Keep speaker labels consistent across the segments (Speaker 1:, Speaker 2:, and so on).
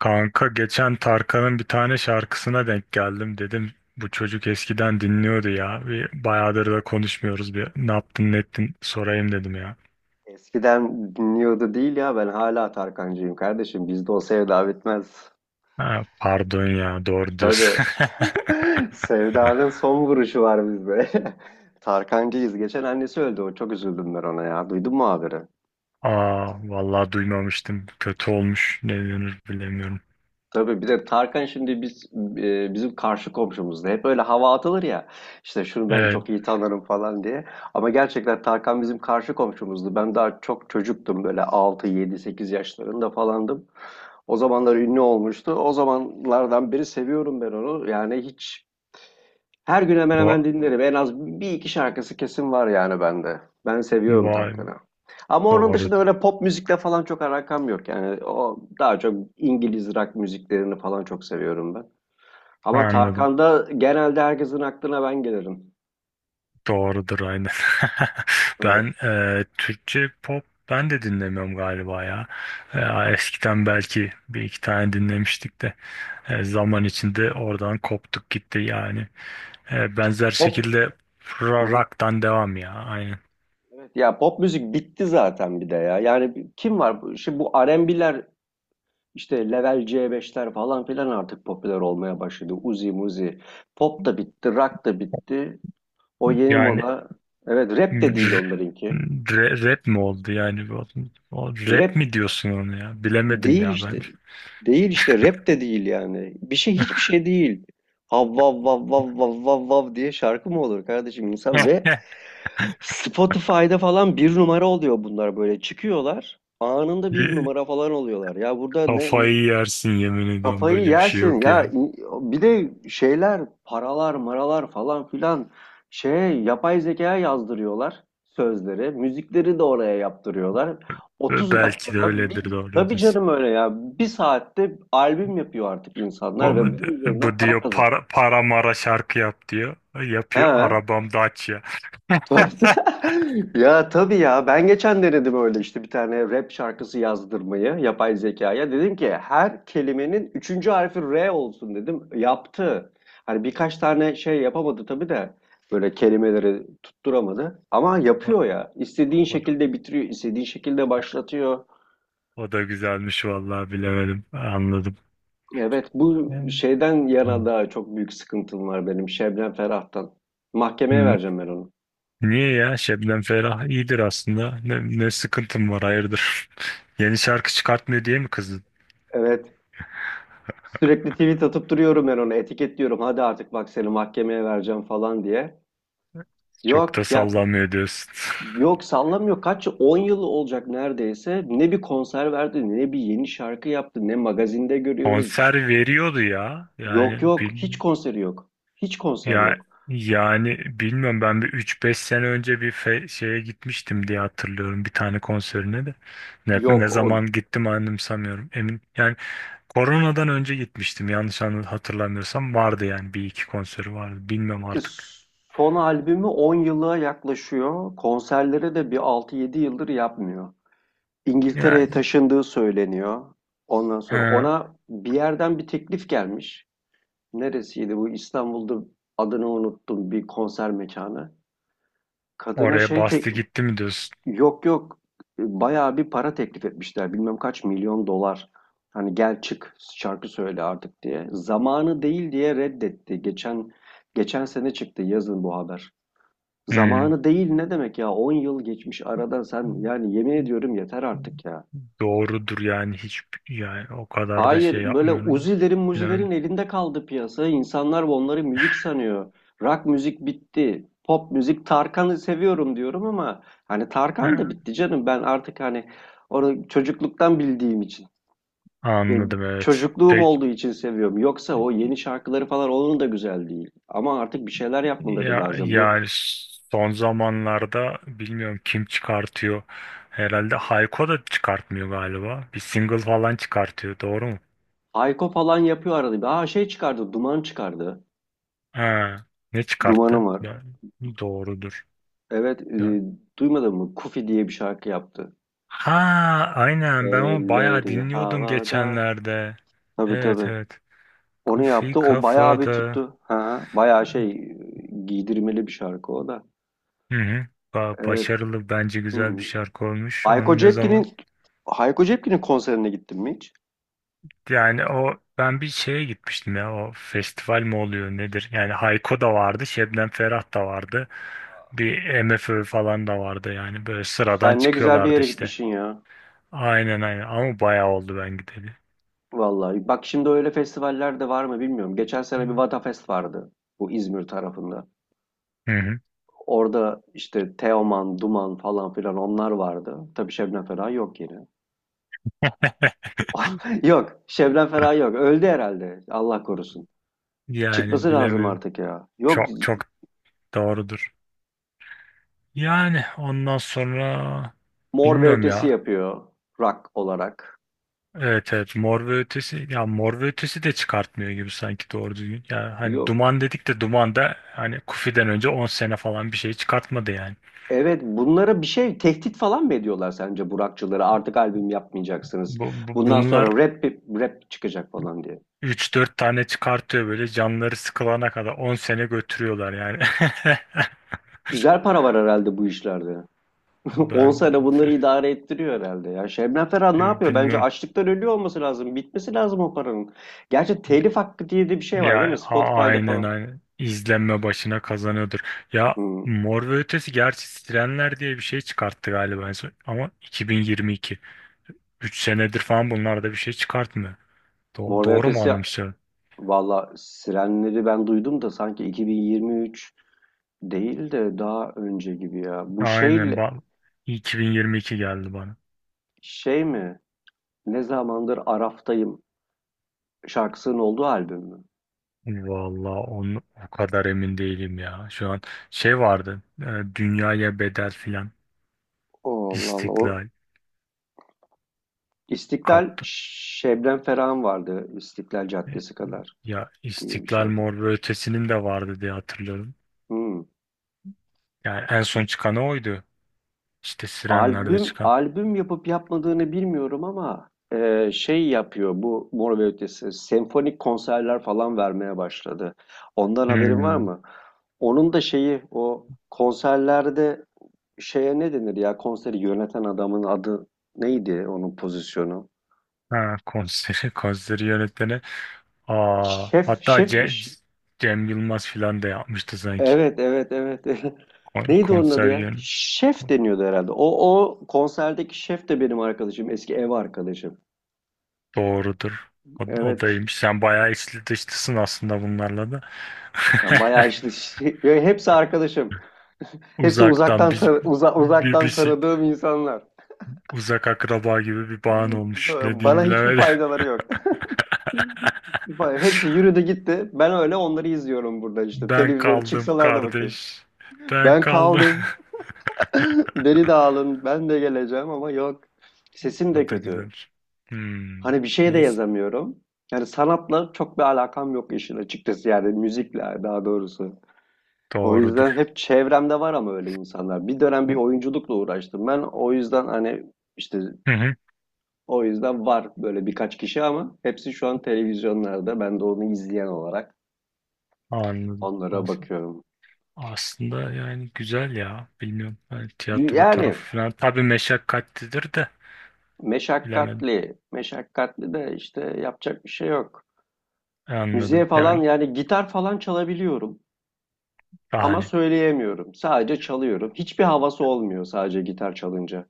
Speaker 1: Kanka geçen Tarkan'ın bir tane şarkısına denk geldim. Dedim bu çocuk eskiden dinliyordu ya. Bir bayağıdır da konuşmuyoruz. Bir ne yaptın ne ettin sorayım dedim ya.
Speaker 2: Eskiden dinliyordu değil ya ben hala Tarkancıyım kardeşim. Bizde o sevda bitmez.
Speaker 1: Ha, pardon ya, doğru diyorsun.
Speaker 2: Tabii. Sevdanın son vuruşu var bizde. Tarkancıyız. Geçen annesi öldü. O çok üzüldüm ben ona ya. Duydun mu haberi?
Speaker 1: Aa, vallahi duymamıştım. Kötü olmuş. Ne denir bilemiyorum.
Speaker 2: Tabii bir de Tarkan şimdi bizim karşı komşumuzda. Hep öyle hava atılır ya. İşte şunu ben
Speaker 1: Evet.
Speaker 2: çok iyi tanırım falan diye. Ama gerçekten Tarkan bizim karşı komşumuzdu. Ben daha çok çocuktum böyle 6, 7, 8 yaşlarında falandım. O zamanlar ünlü olmuştu. O zamanlardan beri seviyorum ben onu. Yani hiç her gün hemen hemen
Speaker 1: O,
Speaker 2: dinlerim. En az bir iki şarkısı kesin var yani bende. Ben seviyorum
Speaker 1: vay be,
Speaker 2: Tarkan'ı. Ama onun dışında
Speaker 1: doğrudur.
Speaker 2: öyle pop müzikle falan çok alakam yok. Yani o daha çok İngiliz rock müziklerini falan çok seviyorum ben. Ama
Speaker 1: Anladım.
Speaker 2: Tarkan'da genelde herkesin aklına ben gelirim.
Speaker 1: Doğrudur, aynen. Ben
Speaker 2: Evet.
Speaker 1: Türkçe pop ben de dinlemiyorum galiba ya. E, Eskiden belki bir iki tane dinlemiştik de zaman içinde oradan koptuk gitti yani. Benzer
Speaker 2: Pop
Speaker 1: şekilde
Speaker 2: Hı hı.
Speaker 1: rock'tan devam ya, aynen.
Speaker 2: Evet. Ya pop müzik bitti zaten bir de ya. Yani kim var? Şimdi bu R&B'ler, İşte level C5'ler falan filan artık popüler olmaya başladı. Uzi muzi. Pop da bitti, rock da bitti. O yeni
Speaker 1: Yani
Speaker 2: moda. Evet rap de değil
Speaker 1: r-
Speaker 2: onlarınki.
Speaker 1: rap mi oldu yani? O rap
Speaker 2: Rap
Speaker 1: mi diyorsun onu ya? Bilemedim
Speaker 2: değil
Speaker 1: ya ben.
Speaker 2: işte. Değil işte rap de değil yani. Bir şey hiçbir şey değil. Hav vav vav vav vav vav vav diye şarkı mı olur kardeşim insan ve Spotify'da falan bir numara oluyor bunlar böyle çıkıyorlar. Anında bir
Speaker 1: Ye-
Speaker 2: numara falan oluyorlar. Ya burada ne?
Speaker 1: Kafayı yersin, yemin ediyorum,
Speaker 2: Kafayı
Speaker 1: böyle bir şey
Speaker 2: yersin
Speaker 1: yok
Speaker 2: ya.
Speaker 1: ya.
Speaker 2: Bir de şeyler paralar maralar falan filan, şey, yapay zekaya yazdırıyorlar, sözleri müzikleri de oraya yaptırıyorlar,
Speaker 1: Ve
Speaker 2: 30
Speaker 1: belki de
Speaker 2: dakikada bir.
Speaker 1: öyledir, doğru
Speaker 2: Tabii
Speaker 1: diyorsun.
Speaker 2: canım, öyle ya, bir saatte albüm yapıyor artık insanlar ve
Speaker 1: Onu,
Speaker 2: bunun üzerinden
Speaker 1: bu
Speaker 2: para
Speaker 1: diyor
Speaker 2: kazanıyor.
Speaker 1: para, para mara şarkı yap diyor. Yapıyor
Speaker 2: He.
Speaker 1: arabam Dacia.
Speaker 2: Tuhafta. Ya tabii ya, ben geçen denedim öyle işte bir tane rap şarkısı yazdırmayı yapay zekaya. Dedim ki her kelimenin üçüncü harfi R olsun dedim. Yaptı. Hani birkaç tane şey yapamadı tabii de, böyle kelimeleri tutturamadı. Ama
Speaker 1: O,
Speaker 2: yapıyor ya. İstediğin
Speaker 1: o, da,
Speaker 2: şekilde bitiriyor, istediğin şekilde başlatıyor.
Speaker 1: o da güzelmiş, vallahi bilemedim. Anladım.
Speaker 2: Evet, bu
Speaker 1: Evet.
Speaker 2: şeyden yana da çok büyük sıkıntım var benim, Şebnem Ferah'tan. Mahkemeye
Speaker 1: Hmm,
Speaker 2: vereceğim ben onu.
Speaker 1: niye ya? Şebnem Ferah iyidir aslında. Ne sıkıntım var, hayırdır? Yeni şarkı çıkartmıyor diye mi kızdın?
Speaker 2: Evet. Sürekli tweet atıp duruyorum ben ona, etiketliyorum. Hadi artık bak seni mahkemeye vereceğim falan diye.
Speaker 1: Çok da
Speaker 2: Yok ya,
Speaker 1: sallamıyor diyorsun.
Speaker 2: yok sallamıyor. Kaç yıl? 10 yıl olacak neredeyse. Ne bir konser verdi, ne bir yeni şarkı yaptı, ne magazinde görüyoruz. Hiç.
Speaker 1: Konser veriyordu ya.
Speaker 2: Yok yok, hiç konseri yok. Hiç konser
Speaker 1: Ya
Speaker 2: yok.
Speaker 1: yani bilmiyorum, ben bir üç beş sene önce bir şeye gitmiştim diye hatırlıyorum, bir tane konserine de. Ne
Speaker 2: Yok, o
Speaker 1: zaman gittim anımsamıyorum. Emin yani koronadan önce gitmiştim, yanlış hatırlamıyorsam vardı yani bir iki konseri vardı. Bilmiyorum artık.
Speaker 2: son albümü 10 yıla yaklaşıyor. Konserleri de bir 6-7 yıldır yapmıyor. İngiltere'ye
Speaker 1: Yani
Speaker 2: taşındığı söyleniyor. Ondan sonra
Speaker 1: ha,
Speaker 2: ona bir yerden bir teklif gelmiş. Neresiydi bu? İstanbul'da, adını unuttum, bir konser mekanı. Kadına
Speaker 1: oraya
Speaker 2: şey
Speaker 1: bastı
Speaker 2: tek,
Speaker 1: gitti mi diyorsun?
Speaker 2: yok yok, bayağı bir para teklif etmişler. Bilmem kaç milyon dolar. Hani gel çık şarkı söyle artık diye. Zamanı değil diye reddetti. Geçen sene çıktı yazın bu haber.
Speaker 1: Hmm.
Speaker 2: Zamanı değil ne demek ya? 10 yıl geçmiş aradan, sen yani yemin ediyorum yeter artık ya.
Speaker 1: Doğrudur yani, hiç yani o kadar da
Speaker 2: Hayır,
Speaker 1: şey
Speaker 2: böyle
Speaker 1: yapmıyorum.
Speaker 2: Uzi'lerin
Speaker 1: Bilen-
Speaker 2: Muzi'lerin elinde kaldı piyasa. İnsanlar onları müzik sanıyor. Rock müzik bitti. Pop müzik, Tarkan'ı seviyorum diyorum ama hani Tarkan da
Speaker 1: Ha,
Speaker 2: bitti canım. Ben artık hani onu çocukluktan bildiğim için,
Speaker 1: Anladım,
Speaker 2: benim
Speaker 1: evet.
Speaker 2: çocukluğum
Speaker 1: Peki.
Speaker 2: olduğu için seviyorum. Yoksa o yeni şarkıları falan onun da güzel değil. Ama artık bir şeyler yapmaları
Speaker 1: Ya,
Speaker 2: lazım. Bu
Speaker 1: yani son zamanlarda bilmiyorum kim çıkartıyor. Herhalde Hayko da çıkartmıyor galiba. Bir single falan çıkartıyor. Doğru mu?
Speaker 2: Hayko falan yapıyor arada bir. Aa, şey çıkardı, Duman çıkardı.
Speaker 1: Ha, Ne
Speaker 2: Dumanım
Speaker 1: çıkarttı?
Speaker 2: var.
Speaker 1: Doğrudur.
Speaker 2: Evet,
Speaker 1: Ya-
Speaker 2: duymadın mı? Kufi diye bir şarkı yaptı.
Speaker 1: Ha, aynen, ben onu bayağı
Speaker 2: Elleri
Speaker 1: dinliyordum
Speaker 2: havada.
Speaker 1: geçenlerde.
Speaker 2: Tabii
Speaker 1: Evet,
Speaker 2: tabii.
Speaker 1: evet.
Speaker 2: Onu
Speaker 1: Kufi
Speaker 2: yaptı. O bayağı bir
Speaker 1: kafada.
Speaker 2: tuttu. Ha, bayağı şey, giydirmeli bir şarkı o da.
Speaker 1: Hı hı.
Speaker 2: Evet.
Speaker 1: Başarılı, bence güzel
Speaker 2: Hmm.
Speaker 1: bir şarkı olmuş.
Speaker 2: Hayko
Speaker 1: Onu ne zaman?
Speaker 2: Cepkin'in Hayko Cepkin'in konserine gittin mi hiç?
Speaker 1: Yani o, ben bir şeye gitmiştim ya, o festival mi oluyor nedir? Yani Hayko da vardı, Şebnem Ferah da vardı. Bir MFÖ falan da vardı yani, böyle sıradan
Speaker 2: Sen ne güzel bir
Speaker 1: çıkıyorlardı
Speaker 2: yere
Speaker 1: işte.
Speaker 2: gitmişsin ya.
Speaker 1: Aynen aynen, ama bayağı oldu ben gideli.
Speaker 2: Vallahi. Bak şimdi öyle festivaller de var mı bilmiyorum. Geçen sene bir Vatafest vardı, bu İzmir tarafında.
Speaker 1: Hı hı.
Speaker 2: Orada işte Teoman, Duman falan filan, onlar vardı. Tabii Şebnem Ferah yok yine. Yok, Şebnem Ferah yok. Öldü herhalde. Allah korusun.
Speaker 1: Yani
Speaker 2: Çıkması lazım
Speaker 1: bilemiyorum.
Speaker 2: artık ya. Yok,
Speaker 1: Çok çok doğrudur. Yani ondan sonra
Speaker 2: Mor ve
Speaker 1: bilmiyorum
Speaker 2: Ötesi
Speaker 1: ya.
Speaker 2: yapıyor rock olarak.
Speaker 1: Evet evet, Mor ve Ötesi, ya Mor ve Ötesi de çıkartmıyor gibi sanki doğru düzgün. Ya hani
Speaker 2: Yok.
Speaker 1: Duman dedik de, Duman da hani Kufi'den önce 10 sene falan bir şey çıkartmadı yani.
Speaker 2: Evet, bunlara bir şey tehdit falan mı ediyorlar sence burakçıları? Artık albüm yapmayacaksınız. Bundan
Speaker 1: Bunlar
Speaker 2: sonra rap çıkacak falan diye.
Speaker 1: üç dört tane çıkartıyor, böyle canları sıkılana kadar 10 sene götürüyorlar yani.
Speaker 2: Güzel para var herhalde bu işlerde. 10
Speaker 1: Ben
Speaker 2: sene bunları idare ettiriyor herhalde ya. Şebnem Ferah ne yapıyor? Bence
Speaker 1: bilmem.
Speaker 2: açlıktan ölüyor olması lazım. Bitmesi lazım o paranın. Gerçi telif hakkı diye de bir şey var değil mi? Spotify'da
Speaker 1: Aynen,
Speaker 2: falan.
Speaker 1: aynen. İzlenme başına kazanıyordur. Ya
Speaker 2: Hmm.
Speaker 1: Mor ve Ötesi gerçi Sirenler diye bir şey çıkarttı galiba en son. Ama 2022. 3 senedir falan bunlarda bir şey çıkartmıyor.
Speaker 2: Mor ve
Speaker 1: Doğru mu
Speaker 2: Ötesi,
Speaker 1: anımsıyorum?
Speaker 2: valla Sirenleri ben duydum da sanki 2023 değil de daha önce gibi ya. Bu
Speaker 1: Aynen
Speaker 2: şeyle,
Speaker 1: bak, 2022 geldi bana.
Speaker 2: şey mi? Ne zamandır Araf'tayım şarkısının olduğu albüm mü?
Speaker 1: Vallahi onu o kadar emin değilim ya. Şu an şey vardı, dünyaya bedel filan.
Speaker 2: Oo, Allah Allah. O
Speaker 1: İstiklal
Speaker 2: İstiklal
Speaker 1: kaptı.
Speaker 2: Şebnem Ferah'ın vardı. İstiklal
Speaker 1: E,
Speaker 2: Caddesi kadar
Speaker 1: Ya
Speaker 2: diye bir
Speaker 1: İstiklal,
Speaker 2: şarkı.
Speaker 1: Mor ve Ötesi'nin de vardı diye hatırlıyorum.
Speaker 2: Hmm.
Speaker 1: Yani en son çıkanı oydu. İşte Sirenler'de
Speaker 2: Albüm
Speaker 1: çıkan.
Speaker 2: albüm yapıp yapmadığını bilmiyorum ama şey yapıyor bu Mor ve Ötesi. Senfonik konserler falan vermeye başladı. Ondan haberin var
Speaker 1: Hmm.
Speaker 2: mı? Onun da şeyi o konserlerde, şeye ne denir ya, konseri yöneten adamın adı, neydi onun pozisyonu?
Speaker 1: Ha, Konseri, konseri yönetmeni. Aa,
Speaker 2: Şef,
Speaker 1: hatta
Speaker 2: şefmiş.
Speaker 1: Cem Yılmaz filan da yapmıştı sanki.
Speaker 2: Evet evet evet. Neydi onun adı ya?
Speaker 1: Konsergen,
Speaker 2: Şef
Speaker 1: kon-
Speaker 2: deniyordu herhalde. O konserdeki şef de benim arkadaşım, eski ev arkadaşım.
Speaker 1: doğrudur. O
Speaker 2: Evet.
Speaker 1: daymış. Sen bayağı içli dışlısın aslında bunlarla da.
Speaker 2: Ben bayağı işte ya, hepsi arkadaşım. Hepsi
Speaker 1: Uzaktan
Speaker 2: uzaktan
Speaker 1: bir,
Speaker 2: tanı- uza-
Speaker 1: bir, bir
Speaker 2: uzaktan
Speaker 1: şey-
Speaker 2: tanıdığım insanlar.
Speaker 1: Uzak akraba gibi bir bağın olmuş. Ne diyeyim
Speaker 2: Bana hiçbir
Speaker 1: bilemedim.
Speaker 2: faydaları yok. Hepsi yürüdü gitti. Ben öyle onları izliyorum burada işte.
Speaker 1: Ben
Speaker 2: Televizyonda
Speaker 1: kaldım
Speaker 2: çıksalar da bakayım.
Speaker 1: kardeş. Ben
Speaker 2: Ben
Speaker 1: kaldım.
Speaker 2: kaldım. Beni de alın. Ben de geleceğim ama yok. Sesim de
Speaker 1: O da
Speaker 2: kötü.
Speaker 1: güzel. Hmm.
Speaker 2: Hani bir şey de
Speaker 1: Neyse.
Speaker 2: yazamıyorum. Yani sanatla çok bir alakam yok işin açıkçası. Yani müzikle daha doğrusu. O yüzden
Speaker 1: Doğrudur.
Speaker 2: hep çevremde var ama öyle insanlar. Bir dönem bir oyunculukla uğraştım ben. O yüzden hani işte,
Speaker 1: Hı hı.
Speaker 2: o yüzden var böyle birkaç kişi ama hepsi şu an televizyonlarda. Ben de onu izleyen olarak
Speaker 1: Anladım.
Speaker 2: onlara bakıyorum.
Speaker 1: Aslında yani güzel ya. Bilmiyorum. Ben tiyatro
Speaker 2: Yani
Speaker 1: tarafı falan. Tabii meşakkatlidir de. Bilemedim.
Speaker 2: meşakkatli, meşakkatli de işte yapacak bir şey yok.
Speaker 1: Anladım.
Speaker 2: Müziğe falan,
Speaker 1: Yani
Speaker 2: yani gitar falan çalabiliyorum ama
Speaker 1: bahane.
Speaker 2: söyleyemiyorum. Sadece çalıyorum. Hiçbir havası olmuyor sadece gitar çalınca.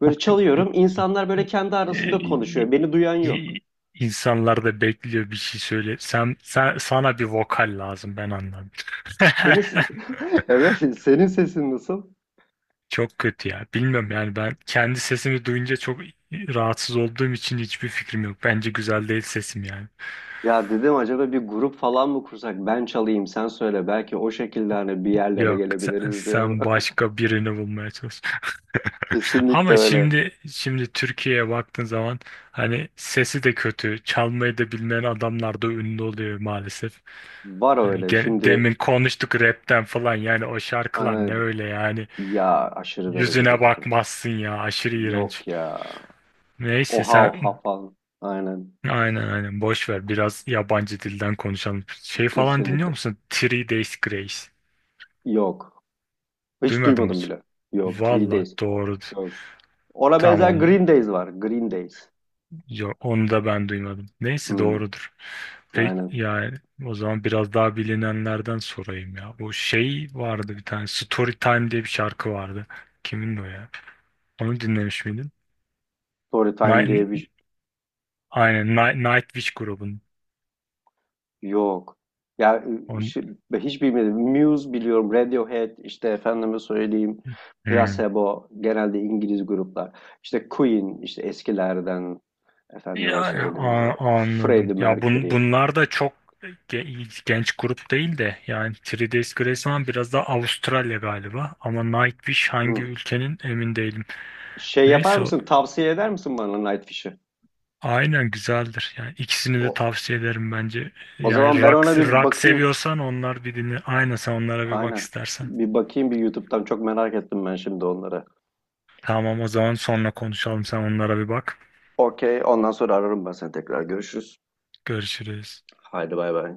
Speaker 2: Böyle çalıyorum, insanlar böyle kendi arasında
Speaker 1: Ee,
Speaker 2: konuşuyor. Beni duyan yok.
Speaker 1: i- insanlar da bekliyor, bir şey söyle. Sen, sana bir vokal lazım, ben anladım.
Speaker 2: Senin ses- evet, senin sesin nasıl?
Speaker 1: Çok kötü ya. Bilmiyorum yani, ben kendi sesimi duyunca çok rahatsız olduğum için hiçbir fikrim yok. Bence güzel değil sesim yani.
Speaker 2: Ya dedim, acaba bir grup falan mı kursak? Ben çalayım sen söyle. Belki o şekilde hani bir yerlere
Speaker 1: Yok sen,
Speaker 2: gelebiliriz diye,
Speaker 1: sen
Speaker 2: ama.
Speaker 1: başka birini bulmaya çalış.
Speaker 2: Kesinlikle
Speaker 1: Ama
Speaker 2: öyle.
Speaker 1: şimdi Türkiye'ye baktığın zaman hani sesi de kötü, çalmayı da bilmeyen adamlar da ünlü oluyor maalesef.
Speaker 2: Var
Speaker 1: Hani
Speaker 2: öyle. Şimdi,
Speaker 1: demin konuştuk rapten falan, yani o şarkılar ne
Speaker 2: e,
Speaker 1: öyle yani,
Speaker 2: ya aşırı derecede
Speaker 1: yüzüne
Speaker 2: kötü.
Speaker 1: bakmazsın ya, aşırı
Speaker 2: Yok
Speaker 1: iğrenç.
Speaker 2: ya. O
Speaker 1: Neyse
Speaker 2: hav hav
Speaker 1: sen,
Speaker 2: falan. Aynen.
Speaker 1: aynen aynen, boş ver. Biraz yabancı dilden konuşalım. Şey falan dinliyor
Speaker 2: Kesinlikle.
Speaker 1: musun? Three Days Grace.
Speaker 2: Yok. Hiç
Speaker 1: Duymadım
Speaker 2: duymadım
Speaker 1: hiç.
Speaker 2: bile. Yok. Three
Speaker 1: Valla
Speaker 2: Days.
Speaker 1: doğru.
Speaker 2: Yok. Ona benzer
Speaker 1: Tamam.
Speaker 2: Green Days var. Green Days.
Speaker 1: Yok, onu da ben duymadım. Neyse
Speaker 2: Hmm,
Speaker 1: doğrudur. Peki
Speaker 2: aynen.
Speaker 1: yani, o zaman biraz daha bilinenlerden sorayım ya. Bu şey vardı, bir tane Story Time diye bir şarkı vardı. Kimin o ya? Onu dinlemiş miydin?
Speaker 2: Story Time
Speaker 1: Night,
Speaker 2: diye bir.
Speaker 1: aynen, Nightwish grubunun.
Speaker 2: Yok. Ya
Speaker 1: On,
Speaker 2: şey, hiç bilmedim. Muse biliyorum, Radiohead, işte efendime söyleyeyim,
Speaker 1: Hmm.
Speaker 2: Placebo, genelde İngiliz gruplar. İşte Queen, işte eskilerden, efendime
Speaker 1: Yani
Speaker 2: söyleyeyim,
Speaker 1: anladım.
Speaker 2: Freddie
Speaker 1: Ya
Speaker 2: Mercury.
Speaker 1: bunlar da çok genç grup değil de, yani Three Days Grace falan biraz daha Avustralya galiba ama Nightwish hangi
Speaker 2: Hı.
Speaker 1: ülkenin emin değilim.
Speaker 2: Şey yapar
Speaker 1: Neyse,
Speaker 2: mısın, tavsiye eder misin bana Nightwish'i?
Speaker 1: aynen güzeldir. Yani ikisini de
Speaker 2: O,
Speaker 1: tavsiye ederim bence.
Speaker 2: o zaman
Speaker 1: Yani
Speaker 2: ben ona
Speaker 1: rock,
Speaker 2: bir
Speaker 1: rock
Speaker 2: bakayım.
Speaker 1: seviyorsan onlar bir dinle. Aynen, sen onlara bir bak
Speaker 2: Aynen.
Speaker 1: istersen.
Speaker 2: Bir bakayım bir YouTube'dan. Çok merak ettim ben şimdi onları.
Speaker 1: Tamam, o zaman sonra konuşalım. Sen onlara bir bak.
Speaker 2: Okey, ondan sonra ararım ben seni tekrar. Görüşürüz.
Speaker 1: Görüşürüz.
Speaker 2: Haydi bay bay.